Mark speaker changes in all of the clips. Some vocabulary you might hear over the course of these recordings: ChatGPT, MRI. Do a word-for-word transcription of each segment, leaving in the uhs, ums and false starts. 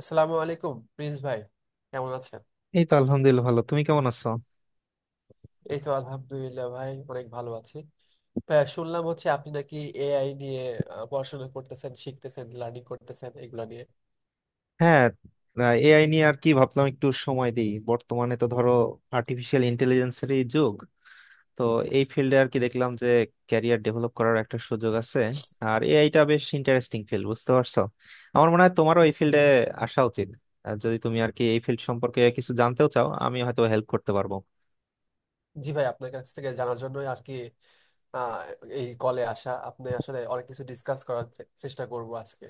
Speaker 1: আসসালামু আলাইকুম প্রিন্স ভাই, কেমন আছেন?
Speaker 2: এই তো আলহামদুলিল্লাহ ভালো। তুমি কেমন আছো?
Speaker 1: এই তো আলহামদুলিল্লাহ ভাই, অনেক ভালো আছি। ভাই শুনলাম হচ্ছে আপনি নাকি এআই নিয়ে আহ, পড়াশোনা করতেছেন, শিখতেছেন, লার্নিং করতেছেন এগুলো নিয়ে।
Speaker 2: হ্যাঁ, এআই নিয়ে আর কি ভাবলাম একটু সময় দিই। বর্তমানে তো ধরো আর্টিফিশিয়াল ইন্টেলিজেন্সেরই যুগ। তো এই ফিল্ডে আর কি দেখলাম যে ক্যারিয়ার ডেভেলপ করার একটা সুযোগ আছে। আর এআইটা বেশ ইন্টারেস্টিং ফিল্ড, বুঝতে পারছো? আমার মনে হয় তোমারও এই ফিল্ডে আসা উচিত। আর যদি তুমি আর কি এই ফিল্ড সম্পর্কে কিছু জানতেও চাও, আমি হয়তো হেল্প করতে পারবো।
Speaker 1: জি ভাই, আপনার কাছ থেকে জানার জন্যই আর কি আহ, এই কলে আসা। আপনি আসলে অনেক কিছু ডিসকাস করার চে- চেষ্টা করব আজকে।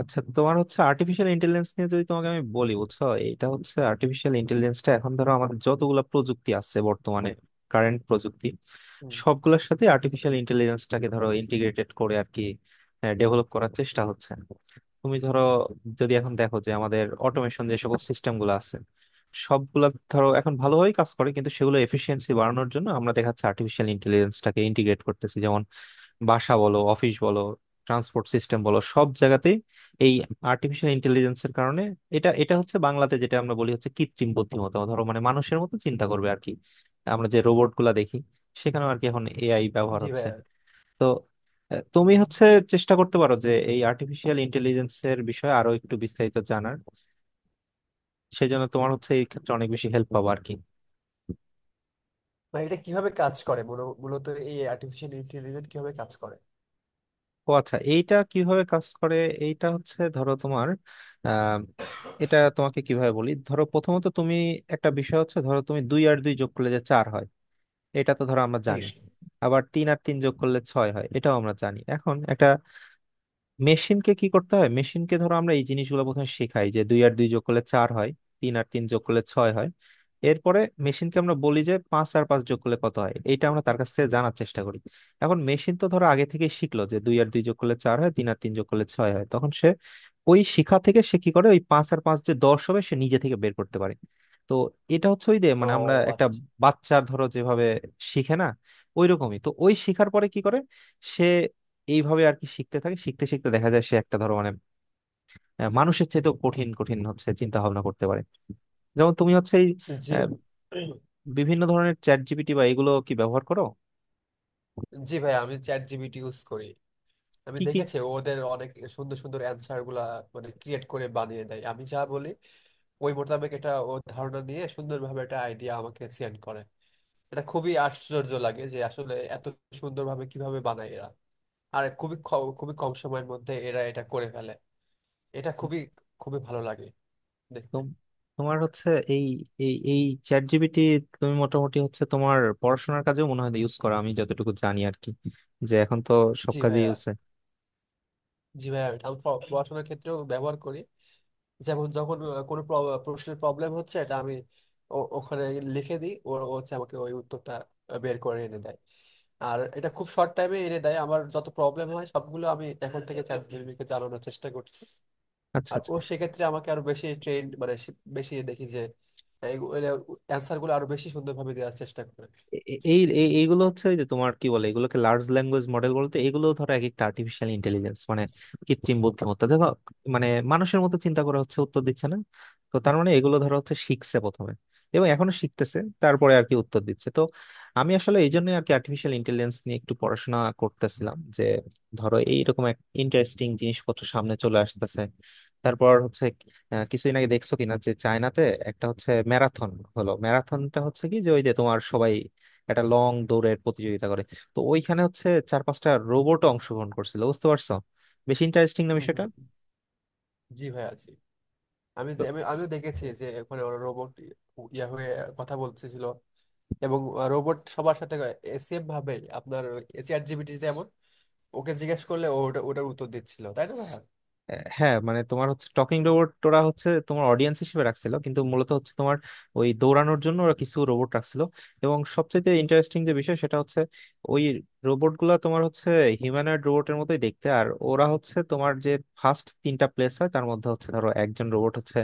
Speaker 2: আচ্ছা, তোমার হচ্ছে আর্টিফিশিয়াল ইন্টেলিজেন্স নিয়ে যদি তোমাকে আমি বলি, বুঝছো, এটা হচ্ছে আর্টিফিশিয়াল ইন্টেলিজেন্সটা এখন ধরো আমাদের যতগুলা প্রযুক্তি আছে বর্তমানে, কারেন্ট প্রযুক্তি,
Speaker 1: হুম,
Speaker 2: সবগুলোর সাথে আর্টিফিশিয়াল ইন্টেলিজেন্সটাকে ধরো ইন্টিগ্রেটেড করে আর কি ডেভেলপ করার চেষ্টা হচ্ছে। তুমি ধরো, যদি এখন দেখো যে আমাদের অটোমেশন যে সকল সিস্টেম গুলো আছে সবগুলা ধরো এখন ভালোভাবেই কাজ করে, কিন্তু সেগুলো এফিসিয়েন্সি বাড়ানোর জন্য আমরা দেখা যাচ্ছে আর্টিফিশিয়াল ইন্টেলিজেন্সটাকে ইন্টিগ্রেট করতেছি। যেমন বাসা বলো, অফিস বলো, ট্রান্সপোর্ট সিস্টেম বলো, সব জায়গাতেই এই আর্টিফিশিয়াল ইন্টেলিজেন্সের কারণে। এটা এটা হচ্ছে বাংলাতে যেটা আমরা বলি হচ্ছে কৃত্রিম বুদ্ধিমত্তা, ধরো মানে মানুষের মতো চিন্তা করবে আর কি। আমরা যে রোবট গুলা দেখি, সেখানেও আর কি এখন এআই ব্যবহার
Speaker 1: জি ভাই।
Speaker 2: হচ্ছে। তো আহ, তুমি
Speaker 1: হুম।
Speaker 2: হচ্ছে চেষ্টা করতে পারো যে এই আর্টিফিশিয়াল ইন্টেলিজেন্সের বিষয়ে আরো একটু বিস্তারিত জানার। সেজন্য তোমার হচ্ছে এই ক্ষেত্রে অনেক বেশি হেল্প পাবো আর কি।
Speaker 1: ভাই এটা কিভাবে কাজ করে মূল- মূলত, এই আর্টিফিশিয়াল ইন্টেলিজেন্স কিভাবে কাজ করে?
Speaker 2: ও আচ্ছা, এইটা কিভাবে কাজ করে? এইটা হচ্ছে ধরো তোমার আহ এটা তোমাকে কিভাবে বলি, ধরো প্রথমত তুমি একটা বিষয় হচ্ছে ধরো তুমি দুই আর দুই যোগ করলে যে চার হয়, এটা তো ধরো আমরা জানি। আবার তিন আর তিন যোগ করলে ছয় হয়, এটাও আমরা জানি। এখন একটা মেশিনকে কি করতে হয়, মেশিনকে ধরো আমরা এই জিনিসগুলো প্রথমে শেখাই যে দুই আর দুই যোগ করলে চার হয়, তিন আর তিন যোগ করলে ছয় হয়। এরপরে মেশিনকে আমরা বলি যে পাঁচ আর পাঁচ যোগ করলে কত হয়, এইটা আমরা তার কাছ থেকে জানার চেষ্টা করি। এখন মেশিন তো ধরো আগে থেকে শিখলো যে দুই আর দুই যোগ করলে চার হয়, তিন আর তিন যোগ করলে ছয় হয়, তখন সে ওই শিখা থেকে সে কি করে, ওই পাঁচ আর পাঁচ যে দশ হবে সে নিজে থেকে বের করতে পারে। তো এটা হচ্ছে ওই যে
Speaker 1: ও
Speaker 2: মানে আমরা একটা
Speaker 1: আচ্ছা।
Speaker 2: বাচ্চার ধরো যেভাবে শিখে না, ওই রকমই তো ওই শিখার পরে কি করে সে এইভাবে আর কি শিখতে থাকে। শিখতে শিখতে দেখা যায় সে একটা ধরো মানে আহ, মানুষের চাইতেও কঠিন কঠিন হচ্ছে চিন্তা ভাবনা করতে পারে। যেমন তুমি হচ্ছে এই
Speaker 1: জি,
Speaker 2: আহ, বিভিন্ন ধরনের চ্যাট জিপিটি বা এগুলো কি ব্যবহার করো?
Speaker 1: জি ভাই, আমি চ্যাট জিপিটি ইউজ করি। আমি
Speaker 2: কি কি?
Speaker 1: দেখেছি ওদের অনেক সুন্দর সুন্দর অ্যান্সার গুলা মানে ক্রিয়েট করে বানিয়ে দেয়। আমি যা বলি ওই মোতাবেক এটা ও ধারণা নিয়ে সুন্দরভাবে একটা আইডিয়া আমাকে সেন্ড করে। এটা খুবই আশ্চর্য লাগে যে আসলে এত সুন্দরভাবে কিভাবে বানায় এরা। আর খুবই খ- খুবই কম সময়ের মধ্যে এরা এটা করে ফেলে। এটা খুবই খুবই ভালো লাগে দেখতে।
Speaker 2: তোম- তোমার হচ্ছে এই এই এই চ্যাট জিপিটি তুমি মোটামুটি হচ্ছে তোমার পড়াশোনার কাজেও মনে হয় ইউজ করো, আমি যতটুকু জানি আর কি, যে এখন তো সব
Speaker 1: জি
Speaker 2: কাজে
Speaker 1: ভাইয়া,
Speaker 2: ইউজ হয়।
Speaker 1: জি ভাইয়া, আমি পড়াশোনার ক্ষেত্রেও ব্যবহার করি। যেমন যখন আহ, কোনো প্র- প্রশ্নের প্রবলেম হচ্ছে এটা আমি ও- ওখানে লিখে দিই, ও ও হচ্ছে আমাকে ওই উত্তরটা আহ, বের করে এনে দেয়। আর এটা খুব শর্ট টাইমে এনে দেয়। আমার যত প্রবলেম হয় সবগুলো আমি এখন থেকে চ্যাট জিপিটিকে চালানোর চেষ্টা করছি।
Speaker 2: আচ্ছা
Speaker 1: আর
Speaker 2: আচ্ছা।
Speaker 1: ও সেক্ষেত্রে আমাকে আরো বেশি ট্রেন মানে সে- বেশি দেখি যে অ্যান্সার গুলো আরো বেশি সুন্দরভাবে দেওয়ার চেষ্টা করে।
Speaker 2: এ- এ- এই এই- এইগুলো হচ্ছে ওই যে তোমার কি বলে এগুলোকে লার্জ ল্যাঙ্গুয়েজ মডেল বলতে, এগুলো ধরো এক একটা আর্টিফিশিয়াল ইন্টেলিজেন্স, মানে কৃত্রিম বুদ্ধিমত্তা, দেখো মানে মানুষের মতো চিন্তা করে হচ্ছে উত্তর দিচ্ছে না? তো তার মানে এগুলো ধরো হচ্ছে শিখছে প্রথমে, এবং এখনো শিখতেছে, তারপরে আর কি উত্তর দিচ্ছে। তো আমি আসলে এই জন্য আর কি আর্টিফিশিয়াল ইন্টেলিজেন্স নিয়ে একটু পড়াশোনা করতেছিলাম, যে ধরো এইরকম এক ইন্টারেস্টিং জিনিসপত্র সামনে চলে আসতেছে। তারপর হচ্ছে আহ, কিছুদিন আগে দেখছো কিনা যে চায়নাতে একটা হচ্ছে ম্যারাথন হলো, ম্যারাথনটা হচ্ছে কি যে ওই যে তোমার সবাই একটা লং দৌড়ের প্রতিযোগিতা করে, তো ওইখানে হচ্ছে চার পাঁচটা রোবটও অংশগ্রহণ করছিল, বুঝতে পারছো? বেশ ইন্টারেস্টিং না
Speaker 1: হুম
Speaker 2: বিষয়টা?
Speaker 1: হুম হুম। জি ভাই, আছি। আমি দে- আমি, আমিও দেখেছি যে ওখানে ওরা রোবট ইয়া হয়ে কথা বলতেছিল, এবং রোবট সবার সাথে সেম ভাবে আপনার চ্যাট জিপিটি যেমন, ওকে জিজ্ঞেস করলে ও ওটা ওটার উত্তর দিচ্ছিল, তাই না ভাইয়া?
Speaker 2: আহ, হ্যাঁ, মানে তোমার হচ্ছে টকিং রোবট ওরা হচ্ছে তোমার অডিয়েন্স হিসেবে রাখছিল, কিন্তু মূলত হচ্ছে তোমার ওই দৌড়ানোর জন্য ওরা কিছু রোবট রাখছিল। এবং সবচেয়ে ইন্টারেস্টিং যে বিষয় সেটা হচ্ছে ওই রোবট গুলা তোমার হচ্ছে হিউম্যানয়েড রোবটের মতোই দেখতে। আর ওরা হচ্ছে তোমার যে ফার্স্ট তিনটা প্লেস হয় তার মধ্যে হচ্ছে ধরো একজন রোবট হচ্ছে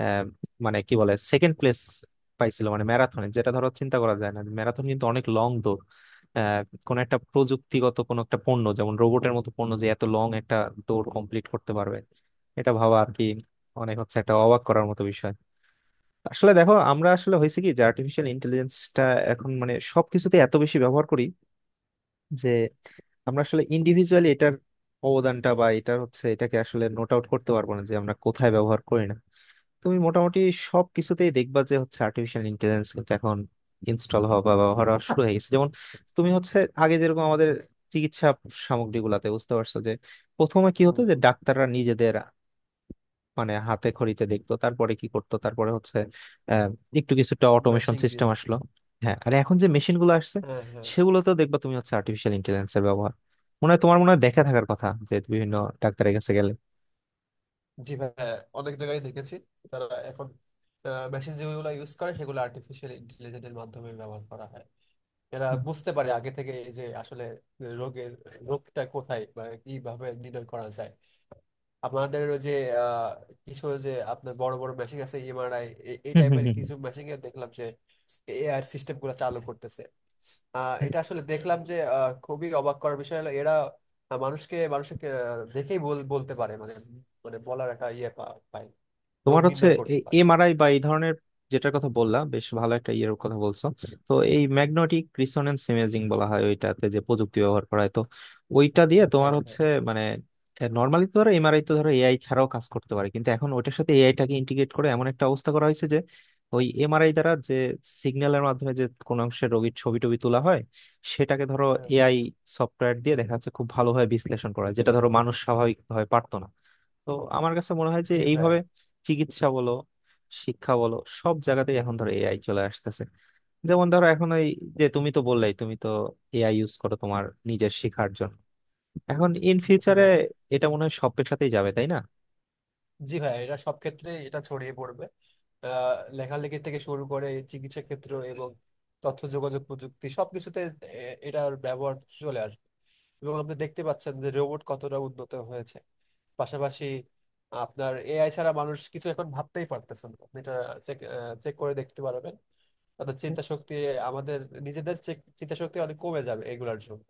Speaker 2: আহ, মানে কি বলে সেকেন্ড প্লেস পাইছিল, মানে ম্যারাথনে, যেটা ধরো চিন্তা করা যায় না। ম্যারাথন কিন্তু অনেক লং দৌড়, কোন একটা প্রযুক্তিগত কোন একটা পণ্য যেমন রোবটের মতো পণ্য যে এত লং একটা দৌড় কমপ্লিট করতে পারবে, এটা ভাবা আর কি অনেক হচ্ছে একটা অবাক করার মতো বিষয়। আসলে দেখো, আমরা আসলে হয়েছে কি যে আর্টিফিশিয়াল ইন্টেলিজেন্সটা এখন মানে সবকিছুতে এত বেশি ব্যবহার করি যে আমরা আসলে ইন্ডিভিজুয়ালি এটার অবদানটা বা এটার হচ্ছে এটাকে আসলে নোট আউট করতে পারবো না যে আমরা কোথায় ব্যবহার করি না। তুমি মোটামুটি সব কিছুতেই দেখবা যে হচ্ছে আর্টিফিশিয়াল ইন্টেলিজেন্স কিন্তু এখন ইনস্টল হওয়া বা ব্যবহার হওয়া শুরু হয়ে গেছে। যেমন তুমি হচ্ছে আগে যেরকম আমাদের চিকিৎসা সামগ্রীগুলাতে, বুঝতে পারছো যে প্রথমে কি হতো
Speaker 1: হুম
Speaker 2: যে
Speaker 1: হুম।
Speaker 2: ডাক্তাররা নিজেদের মানে হাতে খড়িতে দেখতো, তারপরে কি করতো, তারপরে হচ্ছে আহ, একটু কিছুটা অটোমেশন
Speaker 1: মেশিং দিয়ে।
Speaker 2: সিস্টেম আসলো। হ্যাঁ, আর এখন যে মেশিন গুলো আসছে
Speaker 1: হ্যাঁ হ্যাঁ,
Speaker 2: সেগুলোতেও দেখবা তুমি হচ্ছে আর্টিফিশিয়াল ইন্টেলিজেন্স এর ব্যবহার। মনে হয় তোমার মনে হয় দেখা থাকার কথা যে বিভিন্ন ডাক্তারের কাছে গেলে।
Speaker 1: জি ভাইয়া, অনেক জায়গায় দেখেছি তারা এখন মেশিন যেগুলো ইউজ করে সেগুলো আর্টিফিশিয়াল ইন্টেলিজেন্সের মাধ্যমে ব্যবহার করা হয়। এরা
Speaker 2: হুম
Speaker 1: বুঝতে পারে আগে থেকে এই যে আসলে রোগের রোগটা কোথায় বা কিভাবে নির্ণয় করা যায়। আপনাদের ওই যে আহ, কিছু ওই যে আপনার বড় বড় মেশিন আছে এমআরআই এই
Speaker 2: হুম হুম
Speaker 1: টাইপের
Speaker 2: হুম।
Speaker 1: কিছু মেশিন এ দেখলাম যে এআই সিস্টেম গুলো চালু করতেছে। আহ, এটা আসলে দেখলাম যে আহ, খুবই অবাক করার বিষয় হলো এরা মানুষকে মানুষকে আহ, দেখেই বল- বলতে পারে মানে, মানে বলার একটা ইয়ে পা- পায়, রোগ
Speaker 2: তোমার হচ্ছে
Speaker 1: নির্ণয় করতে পারে।
Speaker 2: এমআরআই বা এই ধরনের, যেটার কথা বললা, বেশ ভালো একটা ইয়ের কথা বলছো। তো এই ম্যাগনেটিক রিসোনেন্স ইমেজিং বলা হয় ওইটাতে যে প্রযুক্তি ব্যবহার করা হয়, তো ওইটা দিয়ে তোমার
Speaker 1: হ্যাঁ হ্যাঁ
Speaker 2: হচ্ছে মানে নর্মালি তো ধরো এমআরআই তো ধরো এআই ছাড়াও কাজ করতে পারে, কিন্তু এখন ওইটার সাথে এআইটাকে ইন্টিগ্রেট করে এমন একটা অবস্থা করা হয়েছে যে ওই এমআরআই দ্বারা যে সিগন্যালের মাধ্যমে যে কোনো অংশের রোগীর ছবি টবি তোলা হয়, সেটাকে ধরো
Speaker 1: হ্যাঁ
Speaker 2: এআই সফটওয়্যার দিয়ে দেখা যাচ্ছে খুব ভালোভাবে বিশ্লেষণ করা হয়, যেটা ধরো মানুষ স্বাভাবিকভাবে পারতো না। তো আমার কাছে মনে হয় যে
Speaker 1: জি ভাই
Speaker 2: এইভাবে চিকিৎসা বলো, শিক্ষা বলো, সব জায়গাতেই এখন ধরো এআই চলে আসতেছে। যেমন ধরো এখন ওই যে তুমি তো বললেই, তুমি তো এআই ইউজ করো তোমার নিজের শেখার জন্য। এখন ইন
Speaker 1: জি
Speaker 2: ফিউচারে
Speaker 1: ভাই
Speaker 2: এটা মনে হয় সব পেশাতেই যাবে, তাই না?
Speaker 1: জি ভাই এটা সব ক্ষেত্রে এটা ছড়িয়ে পড়বে আহ, লেখালেখি থেকে শুরু করে চিকিৎসা ক্ষেত্র এবং তথ্য যোগাযোগ প্রযুক্তি সবকিছুতে এ- এটার ব্যবহার চলে আসবে এবং আপনি দেখতে পাচ্ছেন যে রোবট কতটা উন্নত হয়েছে পাশাপাশি আপনার এআই ছাড়া মানুষ কিছু এখন ভাবতেই পারতেছেন আপনি এটা চেক চেক করে দেখতে পারবেন তাদের চিন্তা শক্তি আমাদের নিজেদের চেক- চিন্তা শক্তি অনেক কমে যাবে এগুলার জন্য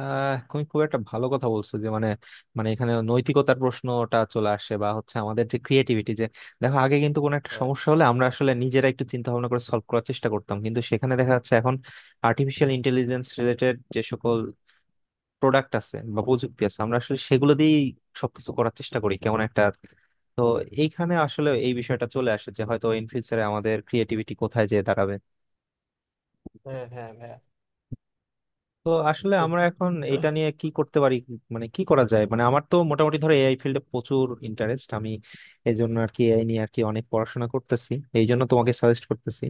Speaker 2: আহ তুমি খুব একটা ভালো কথা বলছো যে মানে, মানে এখানে নৈতিকতার প্রশ্নটা চলে আসে, বা হচ্ছে আমাদের যে ক্রিয়েটিভিটি যে, দেখো আগে কিন্তু কোনো একটা
Speaker 1: হ্যাঁ
Speaker 2: সমস্যা হলে আমরা আসলে নিজেরা একটু চিন্তা ভাবনা করে সলভ করার চেষ্টা করতাম, কিন্তু সেখানে দেখা যাচ্ছে এখন আর্টিফিশিয়াল ইন্টেলিজেন্স রিলেটেড যে সকল প্রোডাক্ট আছে বা প্রযুক্তি আছে আমরা আসলে সেগুলো দিয়েই সবকিছু করার চেষ্টা করি, কেমন একটা। তো এইখানে আসলে এই বিষয়টা চলে আসে যে হয়তো ইন ফিউচারে আমাদের ক্রিয়েটিভিটি কোথায় যেয়ে দাঁড়াবে।
Speaker 1: হ্যাঁ হ্যাঁ হ্যাঁ।
Speaker 2: তো আসলে
Speaker 1: তো
Speaker 2: আমরা এখন এটা নিয়ে কি করতে পারি, মানে কি করা যায়? মানে আমার তো মোটামুটি ধরো এআই ফিল্ডে প্রচুর ইন্টারেস্ট আমি, এই জন্য আর কি এআই নিয়ে আর কি অনেক পড়াশোনা করতেছি, এই জন্য তোমাকে সাজেস্ট করতেছি।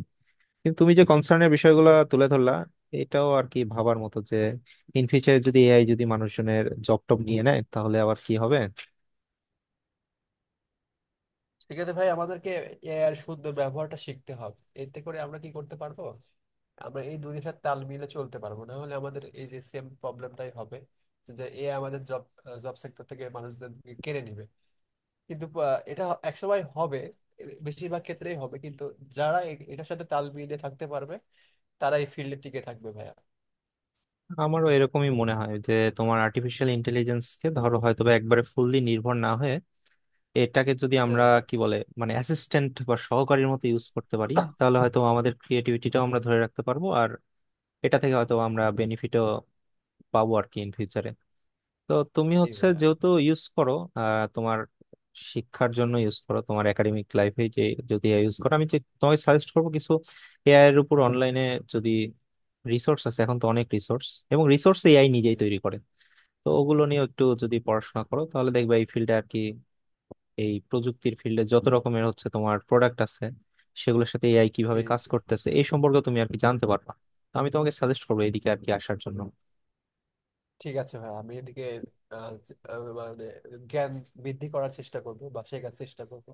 Speaker 2: কিন্তু তুমি যে কনসার্নের বিষয়গুলো তুলে ধরলা, এটাও আর কি ভাবার মতো যে ইন ফিউচারে যদি এআই যদি মানুষজনের জব টব নিয়ে নেয় তাহলে আবার কি হবে।
Speaker 1: সেক্ষেত্রে ভাই আমাদেরকে এআই এর সুন্দর ব্যবহারটা শিখতে হবে, এতে করে আমরা কি করতে পারবো, আমরা এই দুনিয়ার তাল মিলে চলতে পারবো। না হলে আমাদের এই যে সেম প্রবলেমটাই হবে যে এ আমাদের জব জব সেক্টর থেকে মানুষদের কেড়ে নিবে। কিন্তু আহ, এটা একসময় হবে, এ- বেশিরভাগ ক্ষেত্রেই হবে, কিন্তু যারা এ- এটার সাথে তাল মিলিয়ে থাকতে পারবে তারা এই ফিল্ডে টিকে থাকবে ভাইয়া।
Speaker 2: আমারও এরকমই মনে হয় যে তোমার আর্টিফিশিয়াল ইন্টেলিজেন্স কে ধরো হয়তো বা একবারে ফুললি নির্ভর না হয়ে এটাকে যদি আমরা
Speaker 1: হ্যাঁ।
Speaker 2: কি বলে মানে অ্যাসিস্ট্যান্ট বা সহকারীর মতো ইউজ করতে পারি, তাহলে হয়তো আমাদের ক্রিয়েটিভিটিটা আমরা ধরে রাখতে পারবো, আর এটা থেকে হয়তো আমরা বেনিফিটও পাবো আর কি ইন ফিউচারে। তো তুমি
Speaker 1: জি
Speaker 2: হচ্ছে
Speaker 1: ভাইয়া।
Speaker 2: যেহেতু ইউজ করো, আহ তোমার শিক্ষার জন্য ইউজ করো তোমার একাডেমিক লাইফে, যে যদি এআই ইউজ করো, আমি যে তোমার সাজেস্ট করবো কিছু এআই এর উপর অনলাইনে যদি, রিসোর্স আছে এখন তো অনেক রিসোর্স, এবং রিসোর্স এআই
Speaker 1: জি
Speaker 2: নিজেই তৈরি করে। তো ওগুলো নিয়ে একটু যদি পড়াশোনা করো তাহলে দেখবে এই ফিল্ডে আর কি, এই প্রযুক্তির ফিল্ডে যত রকমের হচ্ছে তোমার প্রোডাক্ট আছে সেগুলোর সাথে এআই
Speaker 1: জি
Speaker 2: কিভাবে কাজ
Speaker 1: জি।
Speaker 2: করতেছে এই সম্পর্কে তুমি আর কি জানতে পারবা। তো আমি তোমাকে সাজেস্ট করবো এদিকে আর কি আসার জন্য।
Speaker 1: ঠিক আছে ভাইয়া, আমি এদিকে আহ, আহ, মানে জ্ঞান বৃদ্ধি করার চেষ্টা করবো বা শেখার চেষ্টা করবো।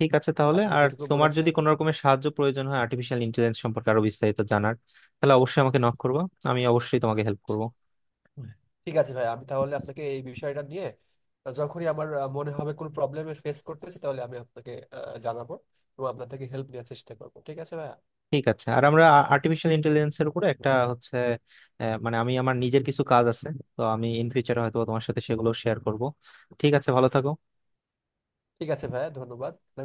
Speaker 2: ঠিক আছে, তাহলে
Speaker 1: আপনি
Speaker 2: আর
Speaker 1: যতটুকু
Speaker 2: তোমার
Speaker 1: বলেছেন।
Speaker 2: যদি কোনো রকমের সাহায্য প্রয়োজন হয় আর্টিফিশিয়াল ইন্টেলিজেন্স সম্পর্কে আরো বিস্তারিত জানার, তাহলে অবশ্যই আমাকে নক করবো, আমি অবশ্যই তোমাকে হেল্প করবো।
Speaker 1: ঠিক আছে ভাই, আমি তাহলে আপনাকে এই বিষয়টা নিয়ে আহ, যখনই আমার আহ, মনে হবে কোনো প্রবলেমের ফেস করতেছি তাহলে আমি আপনাকে আহ, জানাবো, এবং আপনার থেকে হেল্প নেওয়ার চেষ্টা করবো। ঠিক আছে ভাইয়া?
Speaker 2: ঠিক আছে, আর আমরা আর্টিফিশিয়াল ইন্টেলিজেন্সের উপরে একটা হচ্ছে আহ, মানে আমি আমার নিজের কিছু কাজ আছে, তো আমি ইন ফিউচারে হয়তো তোমার সাথে সেগুলো শেয়ার করব। ঠিক আছে, ভালো থাকো।
Speaker 1: ঠিক আছে ভাইয়া, ধন্যবাদ।